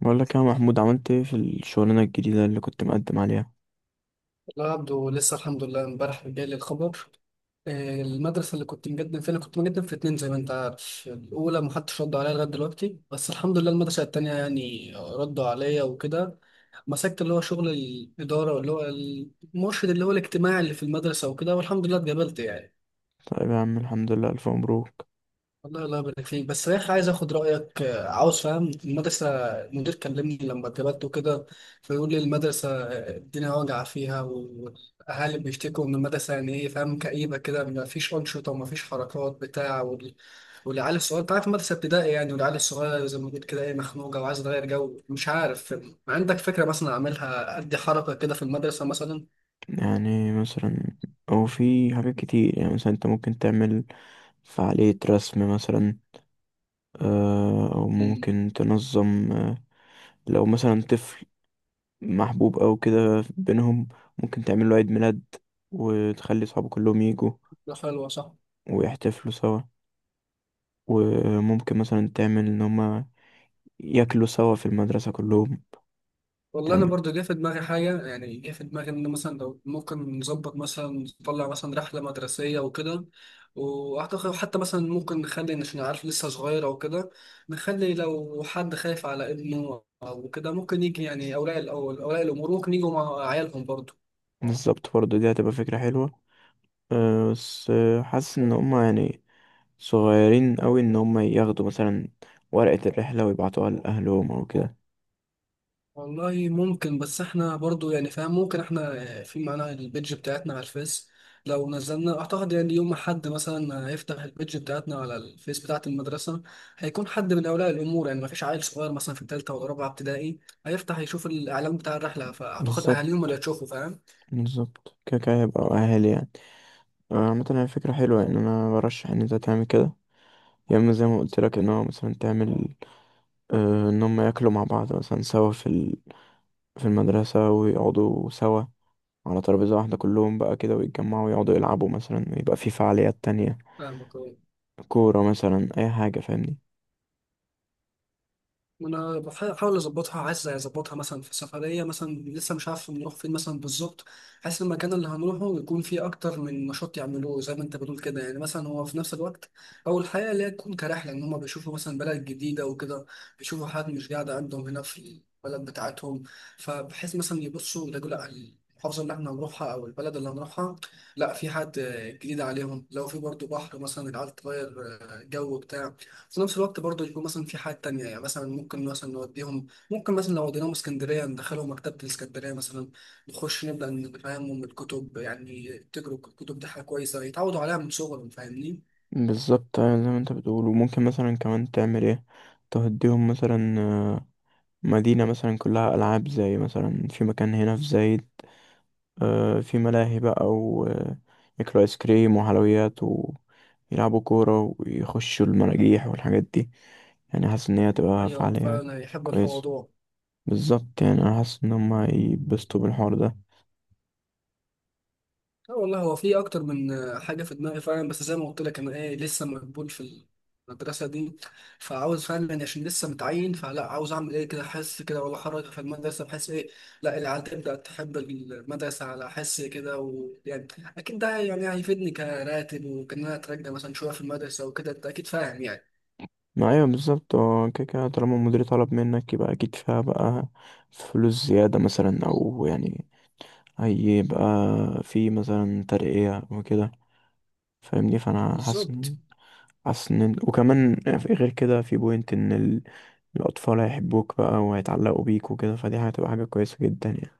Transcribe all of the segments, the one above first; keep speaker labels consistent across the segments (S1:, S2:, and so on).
S1: بقول لك يا محمود، عملت ايه في الشغلانة الجديدة اللي كنت مقدم عليها؟
S2: لا يا عبدو، لسه الحمد لله امبارح جالي الخبر. المدرسة اللي كنت مقدم فيها، أنا كنت مقدم في اتنين زي ما أنت عارف. الأولى محدش رد عليا لغاية دلوقتي، بس الحمد لله المدرسة التانية يعني ردوا عليا وكده. مسكت اللي هو شغل الإدارة، واللي هو المرشد اللي هو الاجتماعي اللي في المدرسة وكده، والحمد لله اتقبلت يعني.
S1: طيب يا عم، الحمد لله، ألف مبروك.
S2: والله الله يبارك فيك، بس يا اخي عايز اخد رايك. عاوز فاهم المدرسه، المدير كلمني لما اتقبلت وكده، فيقول لي المدرسه الدنيا واجعه فيها، والاهالي بيشتكوا ان المدرسه يعني ايه، فاهم، كئيبه كده، ما فيش انشطه وما فيش حركات بتاع، والعيال الصغيره انت عارف المدرسه ابتدائي يعني، والعيال الصغيره زي ما قلت كده ايه، مخنوقه وعايزه تغير جو مش عارف. عندك فكره مثلا اعملها ادي حركه كده في المدرسه مثلا؟
S1: يعني مثلا، أو في حاجات كتير. يعني مثلا انت ممكن تعمل فعالية رسم مثلا. أو
S2: امم
S1: ممكن تنظم لو مثلا طفل محبوب أو كده بينهم، ممكن تعمل له عيد ميلاد وتخلي صحابه كلهم يجوا
S2: حلوه، صح.
S1: ويحتفلوا سوا. وممكن مثلا تعمل إن هما ياكلوا سوا في المدرسة كلهم.
S2: والله انا برضو جه في دماغي حاجه، يعني جه في دماغي ان مثلا لو ممكن نظبط مثلا نطلع مثلا رحله مدرسيه وكده. واعتقد حتى مثلا ممكن نخلي، عشان عارف لسه صغير او كده، نخلي لو حد خايف على ابنه او كده ممكن يجي، يعني اولياء الاول اولياء الامور ممكن يجوا مع عيالهم برضو.
S1: بالظبط، برضه دي هتبقى فكرة حلوة. أه بس حاسس ان هما يعني صغيرين قوي ان هما ياخدوا مثلا ورقة الرحلة ويبعتوها لأهلهم او كده.
S2: والله ممكن، بس احنا برضو يعني فاهم، ممكن احنا في معانا البيدج بتاعتنا على الفيس، لو نزلنا اعتقد يعني يوم ما حد مثلا هيفتح البيدج بتاعتنا على الفيس بتاعة المدرسة، هيكون حد من اولياء الامور، يعني ما فيش عيل صغير مثلا في ثالثة ولا رابعة ابتدائي هيفتح يشوف الاعلان بتاع الرحلة، فاعتقد
S1: بالظبط.
S2: اهاليهم اللي هيشوفوا، فاهم.
S1: بالظبط كده كده هيبقى اهالي يعني. عامة هي فكرة حلوة، يعني انا برشح ان انت تعمل كده. يا اما زي ما قلت لك ان هو مثلا تعمل أه ان هما ياكلوا مع بعض مثلا سوا في المدرسة ويقعدوا سوا على ترابيزة واحدة كلهم بقى كده ويتجمعوا ويقعدوا يلعبوا مثلا ويبقى في فعاليات تانية،
S2: فاهمك.
S1: كورة مثلا أي حاجة، فاهمني؟
S2: ما انا بحاول اظبطها، عايز اظبطها مثلا في سفريه مثلا، لسه مش عارف نروح فين مثلا بالظبط. حاسس المكان اللي هنروحه يكون فيه اكتر من نشاط يعملوه زي ما انت بتقول كده، يعني مثلا هو في نفس الوقت اول حاجه اللي هي تكون كرحله ان هم بيشوفوا مثلا بلد جديده وكده، بيشوفوا حاجات مش قاعده عندهم هنا في البلد بتاعتهم، فبحيث مثلا يبصوا يلاقوا، لا، المحافظه اللي احنا هنروحها او البلد اللي هنروحها لا، في حد جديد عليهم، لو في برضه بحر مثلا العيال تغير جو بتاع. في نفس الوقت برضه يكون مثلا في حاجات تانية، يعني مثلا ممكن مثلا نوديهم، ممكن مثلا لو وديناهم اسكندرية ندخلهم مكتبة الاسكندرية مثلا، نخش نبدأ نفهمهم الكتب، يعني تجروا الكتب دي حاجة كويسة يتعودوا عليها من صغرهم، فاهمني؟
S1: بالظبط، أيوة زي ما انت بتقول. وممكن مثلا كمان تعمل ايه، تهديهم مثلا مدينة مثلا كلها ألعاب، زي مثلا في مكان هنا في زايد، في ملاهي بقى، وياكلوا آيس كريم وحلويات ويلعبوا كورة ويخشوا المراجيح والحاجات دي. يعني حاسس إن هي هتبقى
S2: أيوة
S1: فعالية
S2: فعلا يحبوا
S1: كويسة.
S2: الموضوع.
S1: بالظبط، يعني أنا حاسس إن هما هيتبسطوا بالحوار ده.
S2: لا والله هو في اكتر من حاجه في دماغي فعلا، بس زي ما قلت لك انا ايه، لسه مقبول في المدرسه دي، فعاوز فعلا يعني عشان لسه متعين، فلا عاوز اعمل ايه كده، احس كده ولا حركه في المدرسه بحيث ايه، لا العيال تبدا تحب المدرسه على حس كده، ويعني اكيد ده يعني هيفيدني كراتب، وكان انا اترجى مثلا شويه في المدرسه وكده، انت اكيد فاهم يعني.
S1: ما أيوة بالظبط، هو كده كده طالما المدير طلب منك يبقى أكيد فيها بقى فلوس زيادة مثلا، أو يعني هيبقى في مثلا ترقية وكده، فاهمني؟ فأنا حاسس
S2: بالظبط.
S1: إن حاسس إن وكمان غير كده في بوينت الأطفال هيحبوك بقى وهيتعلقوا بيك وكده، فدي هتبقى حاجة كويسة جدا يعني.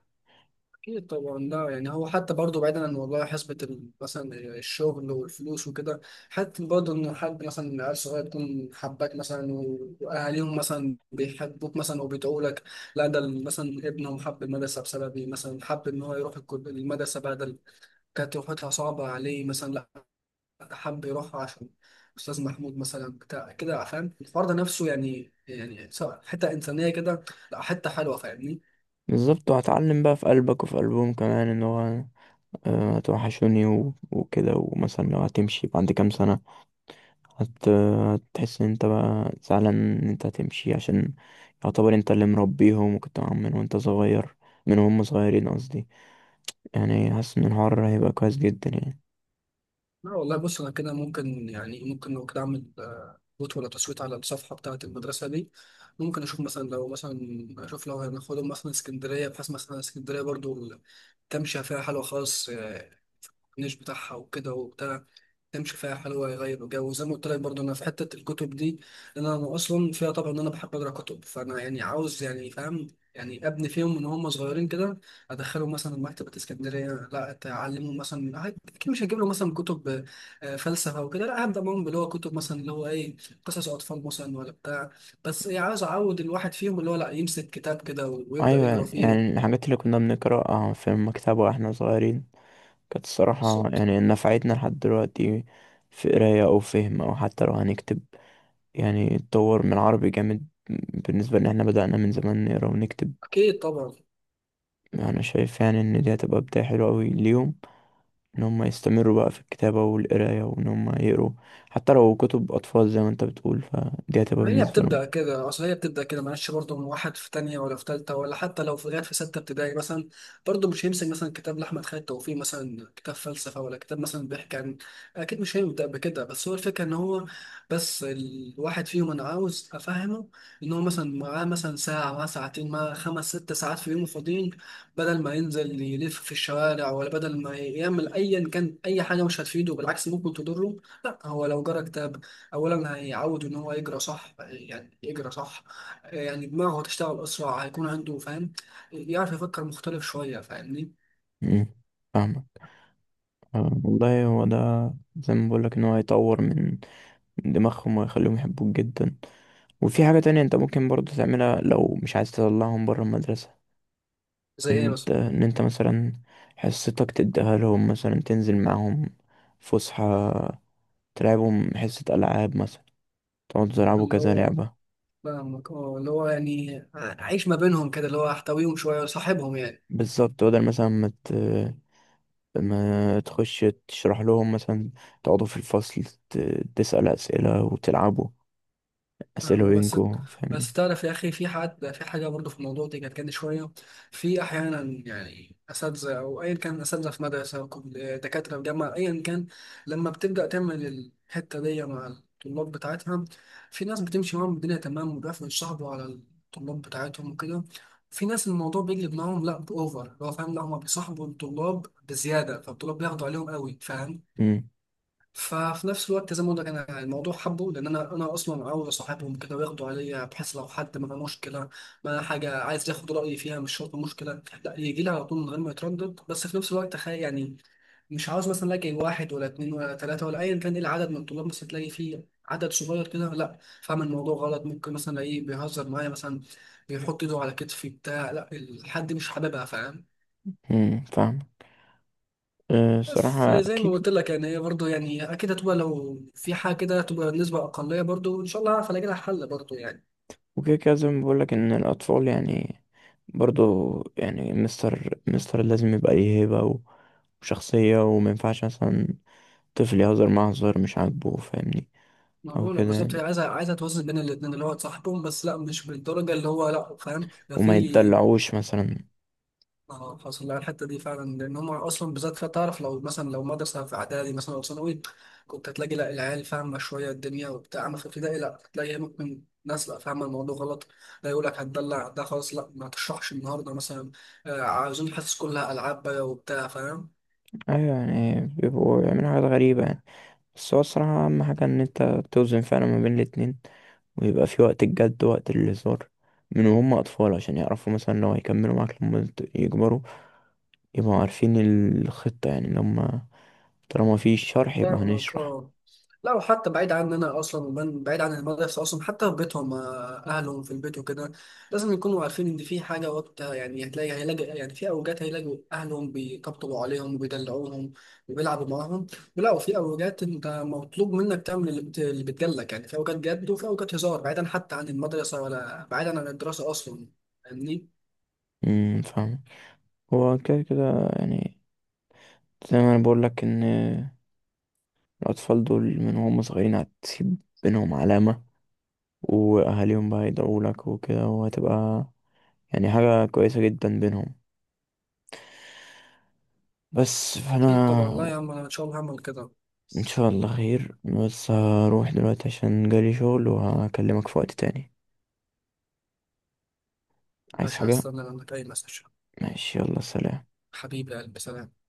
S2: أكيد طبعا، لا يعني هو حتى برضه بعيدا عن موضوع حسبة مثلا الشغل والفلوس وكده، حتى برضه إن حد مثلا عيل صغير يكون حباك مثلا وأهاليهم مثلا بيحبوك مثلا وبيدعوا لك، لا، ده مثلا ابنهم حب المدرسة بسببي، مثلا حب إن هو يروح المدرسة بدل، كانت روحتها صعبة عليه مثلا، لا، حب يروح عشان أستاذ محمود مثلا بتاع كده، فاهم الفرد نفسه يعني، يعني سواء حتة إنسانية كده، لا حتة حلوة، فاهمني.
S1: بالظبط. وهتعلم بقى في قلبك وفي قلبهم كمان إن هو هتوحشوني وكده، ومثلا لو هتمشي بعد كام سنة هتحس إن أنت بقى زعلان إن أنت هتمشي، عشان يعتبر أنت اللي مربيهم وكنت معاهم من وأنت صغير. من هم صغيرين قصدي. يعني حاسس ان الحوار هيبقى كويس جدا يعني.
S2: لا والله بص، انا كده ممكن يعني، ممكن لو كده اعمل فوت ولا تصويت على الصفحه بتاعه المدرسه دي، ممكن اشوف مثلا لو مثلا اشوف لو هناخدهم مثلا اسكندريه، بحيث مثلا اسكندريه برضو تمشي فيها حلوه خالص، الكورنيش بتاعها وكده وبتاع، تمشي فيها حلوة، يغير الجو. وزي ما قلت لك برضه أنا في حتة الكتب دي، لأن أنا أصلا فيها طبعا إن أنا بحب أقرأ كتب، فأنا يعني عاوز يعني فاهم، يعني أبني فيهم من هم صغيرين كده، أدخلهم مثلا مكتبة اسكندرية، لا أتعلمهم مثلا، أكيد مش هجيب لهم مثلا كتب فلسفة وكده، لا هبدأ معاهم اللي هو كتب مثلا اللي هو إيه، قصص أطفال مثلا ولا بتاع، بس إيه عاوز أعود الواحد فيهم اللي هو، لا يمسك كتاب كده ويبدأ
S1: ايوه،
S2: يقرأ
S1: يعني
S2: فيه.
S1: الحاجات اللي كنا بنقراها في المكتبة واحنا صغيرين كانت الصراحة
S2: بالظبط.
S1: يعني نفعتنا لحد دلوقتي في قراية او فهم او حتى لو هنكتب. يعني اتطور من العربي جامد بالنسبة ان احنا بدأنا من زمان نقرا ونكتب.
S2: أكيد طبعا.
S1: انا شايف يعني ان دي هتبقى بداية حلوة اوي ليهم، ان هم يستمروا بقى في الكتابة والقراية وان هم يقروا حتى لو كتب اطفال زي ما انت بتقول، فدي هتبقى
S2: هي
S1: بالنسبة لهم.
S2: بتبدأ كده، أصل هي بتبدأ كده معلش، برضه من واحد في تانية ولا في تالتة، ولا حتى لو في لغاية في ستة ابتدائي مثلا، برضه مش هيمسك مثلا كتاب لأحمد خالد توفيق، مثلا كتاب فلسفة، ولا كتاب مثلا بيحكي عن، أكيد مش هيبدأ بكده، بس هو الفكرة إن هو، بس الواحد فيهم أنا عاوز أفهمه إن هو مثلا معاه مثلا ساعة، معاه ساعتين، معاه خمس ست ساعات في يومه فاضيين، بدل ما ينزل يلف في الشوارع، ولا بدل ما يعمل أيا كان أي حاجة مش هتفيده، بالعكس ممكن تضره، لا هو لو جرى كتاب، اولا هيعود ان هو يجرى صح، يعني يجرى صح، يعني دماغه هتشتغل اسرع، هيكون عنده فاهم، يعرف يفكر مختلف شويه، فاهمني.
S1: مم. فاهمك. والله هو ده زي ما بقولك ان هو هيطور من دماغهم ويخليهم يحبوك جدا. وفي حاجة تانية انت ممكن برضو تعملها لو مش عايز تطلعهم برا المدرسة.
S2: زي
S1: ان
S2: ايه
S1: انت
S2: مثلا؟
S1: ان انت مثلا حصتك تديها لهم، مثلا تنزل معاهم فسحة، تلعبهم حصة ألعاب مثلا، تقعدوا تلعبوا
S2: اللي
S1: كذا
S2: هو
S1: لعبة.
S2: فاهمك، اه اللي هو يعني عيش ما بينهم كده، اللي هو احتويهم شويه، صاحبهم يعني.
S1: بالظبط، بدل مثلا ما تخش تشرح لهم مثلا، تقعدوا في الفصل، ت... تسأل أسئلة وتلعبوا أسئلة
S2: فاهمة، بس
S1: بينكوا،
S2: بس
S1: فاهمني؟
S2: تعرف يا أخي في حد في حاجة برضه في الموضوع دي كانت كده شوية، في أحيانا يعني أساتذة أو أيا كان، أساتذة في مدرسة أو دكاترة في جامعة أيا كان، لما بتبدأ تعمل الحتة دي مع الطلاب بتاعتها، في ناس بتمشي معاهم الدنيا تمام، وبيعرفوا يتصاحبوا على الطلاب بتاعتهم وكده، في ناس الموضوع بيجلب معاهم، لا بأوفر اللي هو فاهم، لا هما بيصاحبوا الطلاب بزيادة، فالطلاب بياخدوا عليهم قوي، فاهم. ففي نفس الوقت زي ما بقول لك، انا الموضوع حبه، لان انا اصلا عاوز اصاحبهم كده وياخدوا عليا، بحيث لو حد ما مشكله، ما حاجه، عايز ياخد رايي فيها، مش شرط مشكله، لا، يجي لي على طول من غير ما يتردد، بس في نفس الوقت تخيل يعني، مش عاوز مثلا الاقي واحد ولا اتنين ولا تلاته ولا ايا كان ايه العدد من الطلاب، مثلا تلاقي فيه عدد صغير كده، لا، فاهم الموضوع غلط، ممكن مثلا الاقيه بيهزر معايا مثلا، بيحط ايده على كتفي بتاع، لا الحد مش حاببها، فاهم.
S1: فاهم. أه،
S2: بس
S1: صراحة
S2: زي ما
S1: أكيد.
S2: قلت لك يعني، هي برضه يعني اكيد هتبقى، لو في حاجه كده هتبقى نسبه اقليه برضه، ان شاء الله هعرف الاقي لها حل برضه يعني.
S1: وكده كده زي ما بقولك إن الأطفال يعني برضو يعني مستر لازم يبقى ليه هيبة وشخصية، ومينفعش مثلا طفل يهزر معاه هزار مش عاجبه، فاهمني؟
S2: ما
S1: أو
S2: بقول لك
S1: كده
S2: بالظبط، هي
S1: يعني،
S2: عايزه، عايزه توازن بين الاثنين، اللي هو تصاحبهم بس لا مش بالدرجه اللي هو، لا فاهم ده
S1: وما
S2: في،
S1: يتدلعوش مثلا.
S2: اه حصل لها الحته دي فعلا، لان هم اصلا بالذات فيها تعرف، لو مثلا لو مدرسه في اعدادي مثلا او ثانوي، كنت هتلاقي لا العيال فاهمه شويه الدنيا وبتاع، اما في ابتدائي لا هتلاقي ممكن ناس لا فاهمه الموضوع غلط، لا يقول لك هتدلع ده خلاص، لا ما تشرحش النهارده مثلا، عاوزين الحصص كلها العاب بقى وبتاع، فاهم.
S1: أيوة، يعني بيبقوا يعملوا حاجات غريبة يعني. بس هو الصراحة أهم حاجة إن أنت توزن فعلا ما بين الاتنين، ويبقى في وقت الجد ووقت الهزار من وهم أطفال عشان يعرفوا مثلا لو هيكملوا معاك لما يكبروا يبقوا عارفين الخطة، يعني لما طالما في شرح يبقى
S2: فاهمك،
S1: هنشرح.
S2: اه. لا وحتى بعيد عننا اصلا، ومن بعيد عن المدرسه اصلا، حتى في بيتهم اهلهم في البيت وكده، لازم يكونوا عارفين ان في حاجه وقت، يعني هتلاقي هيلاقي يعني، في اوجات هيلاقوا اهلهم بيطبطبوا عليهم وبيدلعوهم وبيلعبوا معاهم، لا وفي اوجات انت مطلوب منك تعمل اللي اللي بتجلك، يعني في اوجات جد وفي اوجات هزار، بعيدا حتى عن المدرسه ولا بعيدا عن الدراسه اصلا، فاهمني.
S1: فاهم. هو كده كده يعني زي ما انا بقول لك ان الاطفال دول من هم صغيرين هتسيب بينهم علامة واهاليهم بقى يدعوا لك وكده، وهتبقى يعني حاجة كويسة جدا بينهم. بس
S2: اكيد
S1: فانا
S2: طبعا، لا يا عم انا ان شاء الله هعمل كده.
S1: ان شاء الله خير، بس هروح دلوقتي عشان جالي شغل وهكلمك في وقت تاني. عايز
S2: مش
S1: حاجة؟
S2: هستنى منك اي مسج.
S1: ماشي، يلا سلام.
S2: حبيبي يا قلبي، سلام.